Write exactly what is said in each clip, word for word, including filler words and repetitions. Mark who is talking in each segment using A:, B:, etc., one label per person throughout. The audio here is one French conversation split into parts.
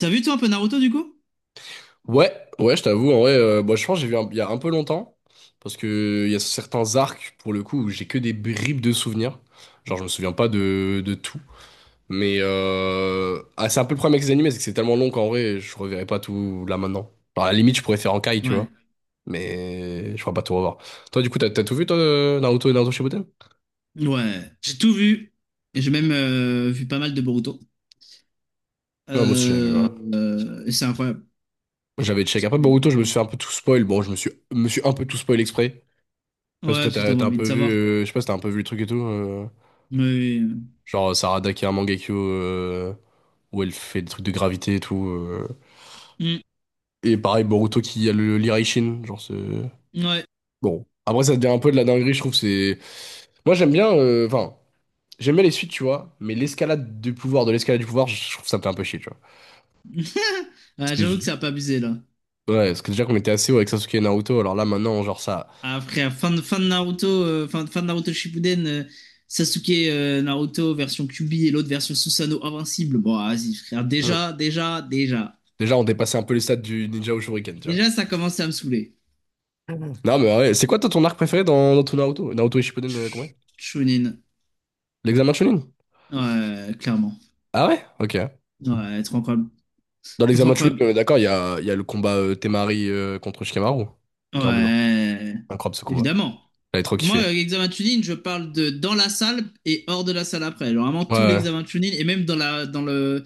A: T'as vu toi un peu Naruto du coup?
B: Ouais, ouais, je t'avoue, en vrai, euh, moi je pense que j'ai vu un- il y a un peu longtemps, parce que il y a certains arcs, pour le coup, où j'ai que des bribes de souvenirs. Genre, je me souviens pas de, de tout. Mais euh... ah, c'est un peu le problème avec les animés, c'est que c'est tellement long qu'en vrai, je reverrai pas tout là maintenant. Genre, à la limite, je pourrais faire en caille, tu
A: Ouais.
B: vois, mais je pourrais pas tout revoir. Toi, du coup, t'as t'as tout vu, toi, de Naruto et Naruto Shippuden?
A: Ouais, j'ai tout vu. Et j'ai même euh, vu pas mal de Boruto.
B: Non, moi aussi, j'avais vu, ouais.
A: Euh, euh, et c'est incroyable.
B: J'avais check. Après,
A: Ouais,
B: Boruto, je me suis fait un peu tout spoil. Bon, je me suis, me suis un peu tout spoil exprès. Parce que toi,
A: parce que t'as
B: t'as t'as un
A: envie
B: peu
A: de
B: vu,
A: savoir.
B: euh, je sais pas si t'as un peu vu le truc et tout. euh.
A: Mais, euh,
B: Genre Sarada qui a un Mangekyo euh, où elle fait des trucs de gravité et tout. euh. Et pareil, Boruto qui a le l'Iraishin. Genre c'est...
A: mm, ouais.
B: Bon. Après, ça devient un peu de la dinguerie, je trouve. C'est... Moi, j'aime bien... euh, Enfin, j'aime bien les suites, tu vois. Mais l'escalade du pouvoir, de l'escalade du pouvoir, je trouve ça me fait un peu chier, tu vois. Parce
A: Ouais,
B: que
A: j'avoue
B: je-
A: que ça a pas abusé là.
B: Ouais, parce que déjà qu'on était assez haut avec Sasuke et Naruto, alors là, maintenant, genre ça...
A: Après, à fin de, fin de Naruto, euh, fin, fin de Naruto Shippuden, euh, Sasuke euh, Naruto version Kyuubi et l'autre version Susanoo invincible. Bon, vas-y, frère.
B: Hmm.
A: Déjà, déjà, déjà.
B: Déjà, on dépassait un peu les stades du ninja au Shuriken, tu vois.
A: Déjà, ça commençait à me saouler.
B: Non, mais ouais. C'est quoi, toi, ton arc préféré dans, dans ton Naruto? Naruto et Shippuden, euh, combien?
A: Sh- Chunin.
B: L'examen de Chunin?
A: Ouais, clairement.
B: Ah ouais? Ok.
A: Ouais, trop incroyable.
B: Dans
A: Trop,
B: l'examen match, oui,
A: incroyable.
B: on est d'accord, il y a, il y a le combat euh, Temari euh, contre Shikamaru, qui est en dedans.
A: Ouais,
B: Incroyable ce combat.
A: évidemment.
B: J'avais trop
A: Moi, euh,
B: kiffé.
A: examen Chunin, je parle de dans la salle et hors de la salle après. Genre, vraiment
B: Ouais,
A: tout
B: ouais.
A: l'examen Chunin et même dans la, dans le,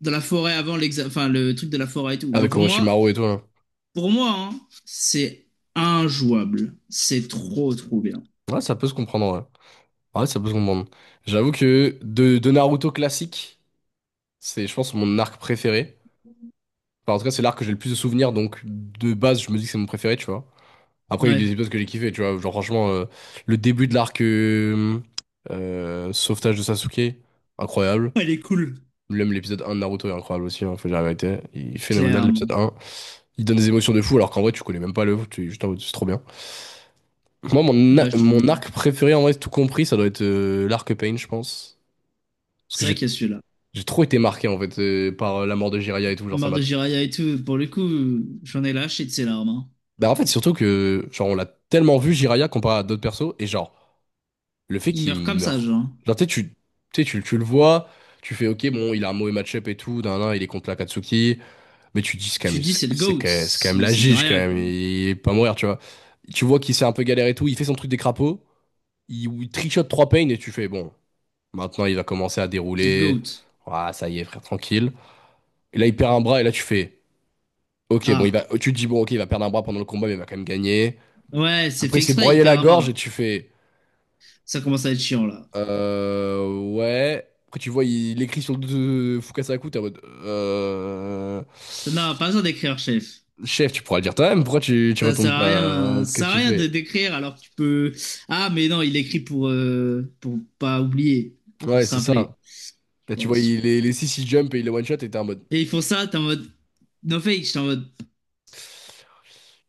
A: dans la forêt avant l'examen, enfin, le truc de la forêt et tout. Genre,
B: Avec
A: pour moi,
B: Orochimaru et tout, hein.
A: pour moi, hein, c'est injouable. C'est trop, trop bien.
B: Ouais, ça peut se comprendre, ouais. Ouais, ça peut se comprendre. J'avoue que de, de Naruto classique, c'est, je pense, mon arc préféré. Enfin, en tout cas, c'est l'arc que j'ai le plus de souvenirs, donc de base, je me dis que c'est mon préféré, tu vois. Après, il y a eu
A: Ouais.
B: des épisodes que j'ai kiffé, tu vois. Genre, franchement, euh, le début de l'arc euh, euh, Sauvetage de Sasuke, incroyable.
A: Elle est cool.
B: Même l'épisode un de Naruto est incroyable aussi, hein, faut dire la vérité. Il est phénoménal l'épisode
A: Clairement.
B: un Il donne des émotions de fou alors qu'en vrai tu connais même pas le, tu es juste en mode c'est trop bien. Moi mon,
A: Ouais,
B: a-
A: je te jure.
B: mon arc préféré en vrai tout compris ça doit être euh, l'arc Pain je pense. Parce que
A: C'est vrai
B: j'ai
A: qu'il y a celui-là.
B: j'ai trop été marqué en fait euh, par euh, la mort de Jiraiya et tout, genre ça
A: Mort
B: m'a...
A: de Jiraya et tout, pour le coup, j'en ai lâché de ses larmes. Hein.
B: Bah en fait surtout que genre on l'a tellement vu Jiraiya comparé à d'autres persos et genre le fait
A: Il
B: qu'il
A: meurt comme ça,
B: meurt.
A: genre.
B: Genre tu sais tu, tu, sais, tu, tu le vois, tu fais ok bon il a un mauvais match-up et tout, d'un il est contre l'Akatsuki. Mais tu te dis, c'est quand
A: Tu
B: même,
A: dis c'est le
B: c'est
A: GOAT,
B: quand c'est quand même
A: c'est
B: la
A: c'est du
B: gige, quand
A: rien
B: même.
A: quoi.
B: Il est pas à mourir, tu vois. Tu vois qu'il s'est un peu galéré et tout. Il fait son truc des crapauds. Il, il trichote trois pains et tu fais, bon, maintenant il va commencer à
A: C'est le
B: dérouler.
A: GOAT.
B: Ah, ça y est, frère, tranquille. Et là, il perd un bras et là, tu fais, ok, bon, il
A: Ah,
B: va, tu te dis, bon, ok, il va perdre un bras pendant le combat, mais il va quand même gagner.
A: ouais, c'est
B: Après, il
A: fait
B: s'est
A: exprès, il
B: broyé
A: perd
B: la
A: un
B: gorge et
A: bras.
B: tu fais,
A: Ça commence à être chiant, là.
B: euh, ouais. Après, tu vois, il, il écrit sur le dos de Fukasaku, t'es en mode, euh,
A: Ça n'a pas besoin d'écrire, chef.
B: chef, tu pourras le dire toi-même. Pourquoi tu, tu
A: Ça sert
B: retournes
A: à
B: pas?
A: rien, ça
B: Qu'est-ce
A: sert
B: que
A: à
B: tu
A: rien de
B: fais?
A: d'écrire alors que tu peux. Ah, mais non, il écrit pour, euh, pour pas oublier, pour
B: Ouais,
A: se
B: c'est
A: rappeler,
B: ça. Là,
A: je
B: tu vois,
A: pense.
B: il, les, les six ils jump et il les one-shot et t'es en mode.
A: Et ils font ça, t'es en mode. No fake, j'étais en mode.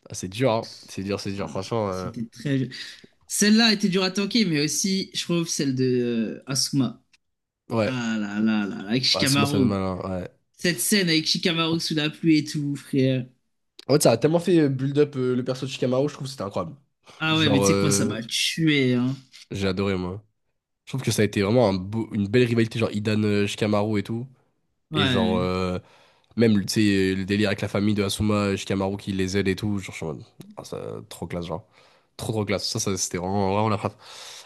B: Ah, c'est dur, hein. C'est dur, c'est dur.
A: Ah,
B: Franchement, euh,
A: c'était très. Celle-là était dure à tanker, mais aussi, je trouve, celle de euh, Asuma.
B: ouais.
A: Ah là là là, là, avec
B: Ouais, c'est moi, ça me
A: Shikamaru.
B: malin. Ouais.
A: Cette scène avec Shikamaru sous la pluie et tout, frère.
B: En fait, ça a tellement fait euh, build up euh, le perso de Shikamaru, je trouve que c'était incroyable.
A: Ah ouais, mais
B: Genre,
A: tu sais que moi, ça m'a
B: euh,
A: tué, hein.
B: j'ai adoré, moi. Je trouve que ça a été vraiment un beau- une belle rivalité, genre Idan euh, Shikamaru et tout. Et genre,
A: Ouais.
B: euh, même, tu sais, euh, le délire avec la famille de Asuma, Shikamaru qui les aide et tout, genre, je suis en mode, ah, ça, trop classe, genre. Trop, trop classe. Ça, ça, c'était vraiment, vraiment la frappe.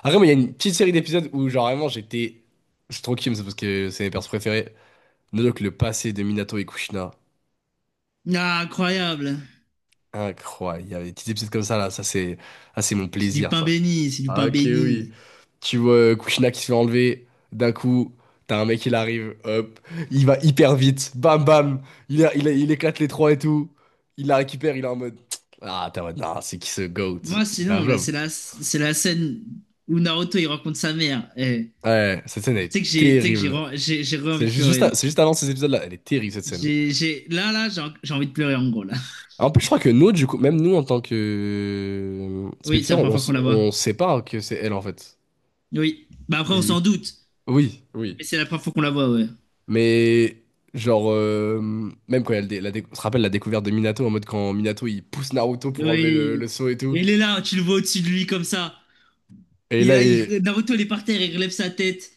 B: Après, mais il y a une petite série d'épisodes où, genre, vraiment, j'étais. Je suis trop kiffé, c'est parce que c'est mes persos préférés. Nodok, le passé de Minato et Kushina.
A: Ah, incroyable.
B: Incroyable. Il y avait des petits épisodes comme ça, là. Ça, c'est. Ah, c'est mon
A: C'est du
B: plaisir,
A: pain
B: ça.
A: béni, c'est du
B: Ah,
A: pain
B: ok, oui.
A: béni.
B: Tu vois euh, Kushina qui se fait enlever. D'un coup, t'as un mec, il arrive. Hop. Il va hyper vite. Bam, bam. Il, a- il, a- il éclate les trois et tout. Il la récupère. Il est en mode. Ah, t'es en mode. Non, c'est qui ce GOAT?
A: Moi,
B: C'est- Il a un
A: sinon, là,
B: job.
A: c'est la, c'est la scène où Naruto, il rencontre sa mère. Eh,
B: Ouais, cette scène
A: tu
B: est
A: sais que j'ai, tu sais que j'ai,
B: terrible.
A: re- j'ai, j'ai re-
B: C'est
A: envie de
B: ju-
A: pleurer,
B: juste,
A: là.
B: c'est juste avant ces épisodes-là. Elle est terrible, cette scène.
A: J'ai, j'ai, là, là, j'ai, en- j'ai envie de pleurer, en gros, là.
B: En plus, je crois que nous, du coup, même nous, en tant que euh,
A: Oui, c'est la
B: spectateurs,
A: première
B: on,
A: fois
B: s-
A: qu'on la voit.
B: on sait pas que c'est elle, en fait.
A: Oui. Bah après,
B: Et
A: on
B: du
A: s'en
B: coup-
A: doute.
B: Oui, oui.
A: Mais c'est la première fois qu'on la voit, ouais.
B: Mais genre, euh, même quand il y a le dé- la dé- on se rappelle la découverte de Minato, en mode quand Minato il pousse Naruto pour enlever le, le
A: Oui.
B: sceau et tout.
A: Et il est là, tu le vois au-dessus de lui, comme ça.
B: Et
A: Il,
B: là,
A: a-
B: il...
A: il- Naruto, il est par terre, il relève sa tête.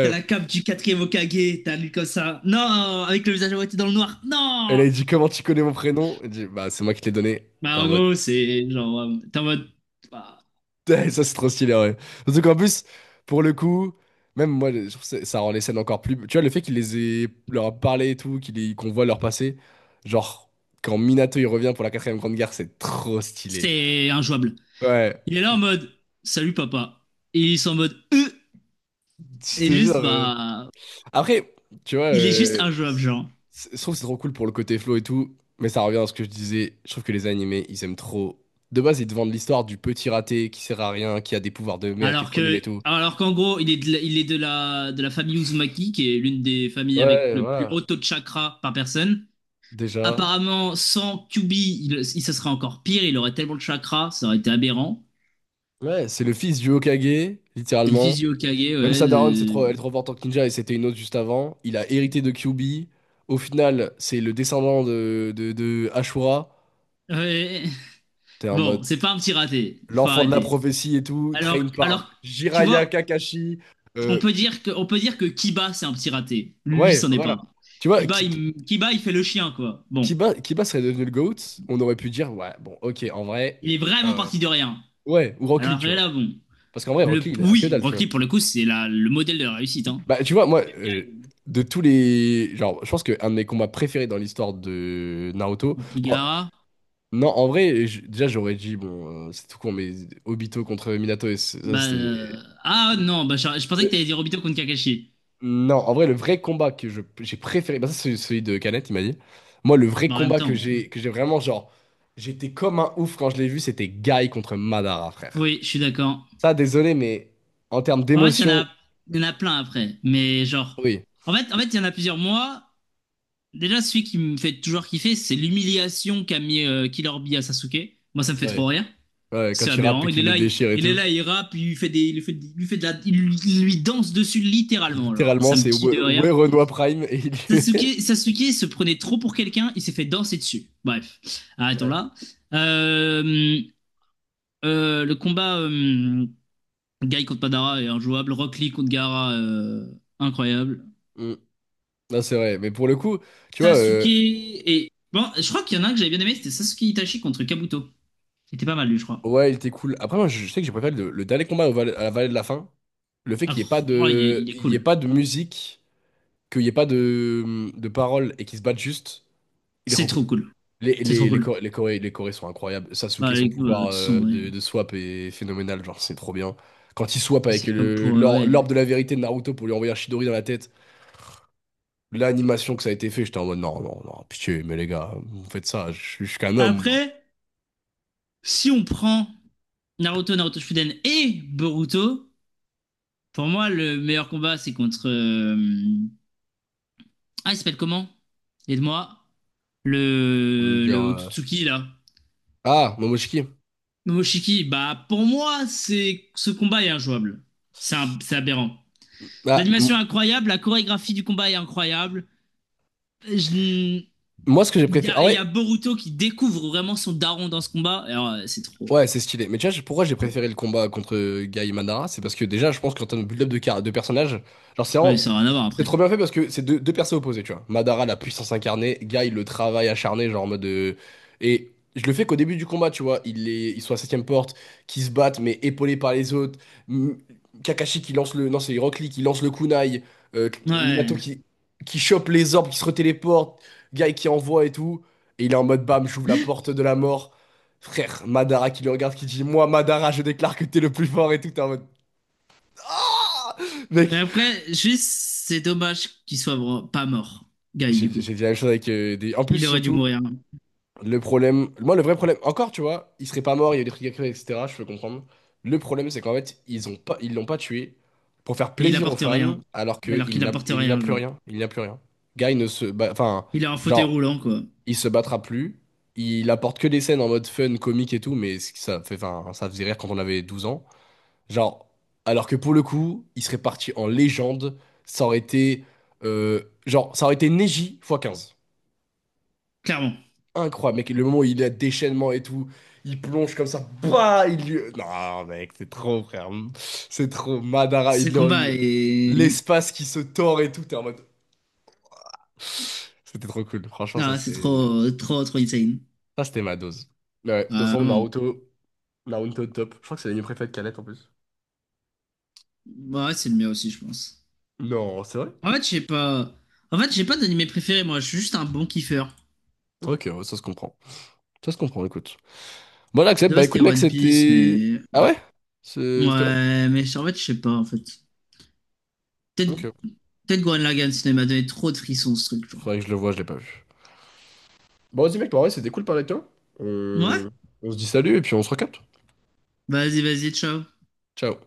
A: T'as la cape du quatrième Hokage, t'as lui comme ça. Non, avec le visage à moitié dans le noir.
B: Et
A: Non!
B: là, il dit comment tu connais mon prénom? Il dit, bah c'est moi qui te l'ai donné.
A: Bah,
B: T'es en
A: en
B: mode,
A: gros, c'est genre, euh, t'es en mode, bah,
B: eh, ça c'est trop stylé, ouais. Surtout qu'en plus, pour le coup, même moi, je trouve que ça ça rend les scènes encore plus... Tu vois, le fait qu'il les ait... leur a parlé et tout, qu'il les- qu'on voit leur passé, genre, quand Minato il revient pour la quatrième grande guerre, c'est trop stylé.
A: c'est injouable.
B: Ouais,
A: Il est là en mode, salut papa. Et ils sont en mode, euh,
B: je te
A: et
B: jure,
A: juste,
B: euh,
A: bah,
B: après, tu vois,
A: il est juste
B: euh,
A: injouable, genre.
B: c'est- je trouve que c'est trop cool pour le côté flow et tout, mais ça revient à ce que je disais. Je trouve que les animés, ils aiment trop. De base, ils te vendent l'histoire du petit raté qui sert à rien, qui a des pouvoirs de merde, qui est
A: Alors
B: trop nul et
A: que,
B: tout.
A: alors qu'en gros, il est de la, il est de la, de la famille Uzumaki, qui est l'une des familles avec
B: Ouais,
A: le plus
B: voilà,
A: haut taux de chakra par personne.
B: déjà.
A: Apparemment, sans kyuubi, il, il- ça serait encore pire. Il aurait tellement de chakras, ça aurait été aberrant.
B: Ouais, c'est le fils du Hokage,
A: C'est le
B: littéralement.
A: fils du Hokage, ouais.
B: Même sa daronne, c'est
A: Euh,
B: trop, elle est trop forte en ninja et c'était une autre juste avant. Il a hérité de Kyuubi. Au final, c'est le descendant de, de, de Ashura.
A: ouais.
B: T'es en mode
A: Bon, c'est pas un petit raté. Faut
B: l'enfant de la
A: arrêter.
B: prophétie et tout, train
A: Alors,
B: par
A: alors, tu
B: Jiraiya
A: vois,
B: Kakashi.
A: on
B: Euh,
A: peut dire que, on peut dire que Kiba, c'est un petit raté. Lui,
B: Ouais,
A: c'en est pas
B: voilà.
A: un.
B: Tu vois,
A: Kiba,
B: Ki-
A: il, Kiba, il fait le chien, quoi. Bon,
B: Kiba, Kiba serait devenu le GOAT, on aurait pu dire, ouais, bon, ok, en vrai,
A: il est vraiment
B: euh,
A: parti de rien.
B: ouais, ou Rock Lee,
A: Alors
B: tu
A: et
B: vois.
A: là, bon.
B: Parce qu'en vrai, Rock
A: Le,
B: Lee, il a que
A: oui,
B: dalle, tu
A: Rock
B: vois.
A: Lee, pour le coup, c'est la- le modèle de la réussite, hein.
B: Bah, tu vois, moi, euh, de tous les. Genre, je pense qu'un de mes combats préférés dans l'histoire de Naruto.
A: Donc,
B: Bon,
A: Ligara,
B: non, en vrai, j- déjà, j'aurais dit, bon, euh, c'est tout con, mais Obito contre Minato, et c- ça,
A: bah.
B: c'est.
A: Euh, ah non, bah, je, je pensais que t'allais dire Obito contre Kakashi.
B: Non, en vrai, le vrai combat que je, j'ai préféré, bah ça c'est celui de Canet, il m'a dit. Moi, le vrai
A: Mais en même
B: combat que
A: temps,
B: j'ai que j'ai vraiment, genre, j'étais comme un ouf quand je l'ai vu, c'était Guy contre Madara, frère.
A: oui, je suis d'accord.
B: Ça, désolé, mais en termes
A: En fait, il y en
B: d'émotion,
A: a, il y en a plein après. Mais genre,
B: oui,
A: en fait, en fait, il y en a plusieurs mois. Déjà, celui qui me fait toujours kiffer, c'est l'humiliation qu'a mis euh, Killer Bee à Sasuke. Moi, ça me fait
B: ouais,
A: trop rire.
B: ouais,
A: C'est
B: quand il rappe et
A: aberrant. Il est
B: qu'il le
A: là, il,
B: déchire et
A: il est
B: tout,
A: là, il rappe, il lui fait des, il lui fait, il lui fait de la, il lui il lui danse dessus littéralement. Genre,
B: littéralement,
A: ça me
B: c'est
A: tue
B: ouais,
A: de rire.
B: ouais, Renoir Prime et il.
A: Sasuke, Sasuke se prenait trop pour quelqu'un, il s'est fait danser dessus. Bref, arrêtons
B: Ouais.
A: là. Euh, euh, le combat. euh, Guy contre Madara est injouable. Rock Lee contre Gara, euh, incroyable.
B: Mm. Non, c'est vrai, mais pour le coup, tu vois,
A: Sasuke
B: euh,
A: et. Bon, je crois qu'il y en a un que j'avais bien aimé, c'était Sasuke Itachi contre Kabuto. C'était pas mal, lui, je crois.
B: ouais, il était cool. Après, moi, je, je sais que j'ai préféré le, le dernier combat au Val- à la Vallée de la Fin, le fait qu'il n'y ait pas
A: Alors, moi, il est,
B: de,
A: il est
B: il y ait
A: cool.
B: pas de musique. Qu'il n'y ait pas de, de paroles et qu'ils se battent juste, il est
A: C'est
B: trop cool.
A: trop cool.
B: Les,
A: C'est trop
B: les, les,
A: cool.
B: Coré- les, Coré- les Corés sont incroyables.
A: Bah,
B: Sasuke, son
A: les coups, euh, de
B: pouvoir
A: toute
B: euh,
A: façon, ouais.
B: de, de swap est phénoménal, genre c'est trop bien. Quand il swap avec
A: C'est comme
B: le,
A: pour. Euh,
B: l'or-
A: ouais.
B: l'orbe de la vérité de Naruto pour lui envoyer un Chidori dans la tête, l'animation que ça a été fait, j'étais en mode non, non, non, pitié, mais les gars, vous faites ça, je, suis je suis qu'un homme, moi.
A: Après, si on prend Naruto, Naruto Shippuden et Boruto, pour moi, le meilleur combat, c'est contre. euh, Ah, il s'appelle comment? Aide-moi.
B: On me
A: Le...
B: dire.
A: le
B: euh,
A: Otsutsuki, là.
B: Ah, Momoshiki.
A: Momoshiki, bah pour moi, c'est ce combat est injouable. C'est un- c'est aberrant.
B: Ah,
A: L'animation
B: m-
A: est incroyable, la chorégraphie du combat est incroyable. Je-
B: Moi, ce que j'ai
A: Il y
B: préféré. Ah
A: a, il y a
B: ouais,
A: Boruto qui découvre vraiment son daron dans ce combat. Et alors, euh, c'est trop.
B: ouais, c'est stylé. Mais tu vois, je- pourquoi j'ai
A: Trop.
B: préféré le combat contre Guy Madara? C'est parce que déjà, je pense qu'en termes de build-up de, car- de personnages, genre, c'est
A: Oui,
B: vraiment.
A: ça n'a rien à voir
B: C'est
A: après.
B: trop bien fait parce que c'est deux, deux persos opposés, tu vois. Madara, la puissance incarnée, Guy, le travail acharné, genre en mode. euh, Et je le fais qu'au début du combat, tu vois. Il est... Ils sont à septième porte, qui se battent, mais épaulés par les autres. M- Kakashi qui lance le. Non, c'est Rock Lee qui lance le kunai. euh, Minato
A: Ouais.
B: qui... qui chope les orbes, qui se retéléporte. Guy qui envoie et tout. Et il est en mode bam, j'ouvre la porte de la mort. Frère, Madara qui le regarde, qui dit moi, Madara, je déclare que t'es le plus fort et tout. T'es en mode ah.
A: Mais
B: Mec,
A: après, juste, c'est dommage qu'il soit vra- pas mort, Guy,
B: j'ai
A: du coup.
B: j'ai dit la même chose avec euh, des. En plus,
A: Il aurait dû
B: surtout,
A: mourir.
B: le problème. Moi, le vrai problème, encore, tu vois, il serait pas mort, il y a eu des trucs à créer, et cetera. Je peux comprendre. Le problème, c'est qu'en fait, ils ont pas, ils l'ont pas tué pour faire
A: Et il
B: plaisir aux
A: apporte
B: fans,
A: rien.
B: alors
A: Alors
B: qu'il
A: qu'il
B: n'a
A: apporte
B: il n'a
A: rien,
B: plus
A: genre.
B: rien. Il n'a plus rien. Guy ne se. Bat- Enfin,
A: Il est en fauteuil
B: genre,
A: roulant, quoi.
B: il se battra plus. Il apporte que des scènes en mode fun, comique et tout, mais ça, fait, enfin, ça faisait rire quand on avait douze ans. Genre, alors que pour le coup, il serait parti en légende. Ça aurait été. euh, genre, ça aurait été Neji x quinze.
A: Clairement.
B: Incroyable, mec. Le moment où il a déchaînement et tout, il plonge comme ça. Bah, il lui. Non, mec, c'est trop, frère. C'est trop. Madara,
A: Ce
B: il
A: combat
B: le-
A: est...
B: l'espace qui se tord et tout. T'es en mode. C'était trop cool. Franchement, ça,
A: Ah, c'est
B: c'était.
A: trop, trop, trop insane.
B: Ça, c'était ma dose. Ouais, de toute
A: Ah,
B: façon,
A: vraiment.
B: Naruto. Naruto top. Je crois que c'est l'anime préféré de Kalette en plus.
A: Bah, ouais, c'est le mien aussi, je pense.
B: Non, c'est vrai?
A: En fait, j'ai pas. En fait, j'ai pas d'animé préféré, moi. Je suis juste un bon kiffeur.
B: Ok, ouais, ça se comprend. Ça se comprend, écoute. Voilà, Accept,
A: De
B: bah
A: base, c'était
B: écoute, mec,
A: One Piece,
B: c'était.
A: mais.
B: Ah
A: Ouais.
B: ouais? C'est- C'était.
A: Ouais, mais je- en fait, je sais pas, en fait. Peut-être
B: Ok.
A: peut-être Gurren Lagann, sinon il m'a donné trop de frissons, ce truc, genre.
B: Faudrait que je le vois, je l'ai pas vu. Bon, vas-y, mec, bah ouais, c'était cool de parler avec toi.
A: Ouais?
B: On... on se dit salut et puis on se recapte.
A: Vas-y, vas-y, ciao.
B: Ciao.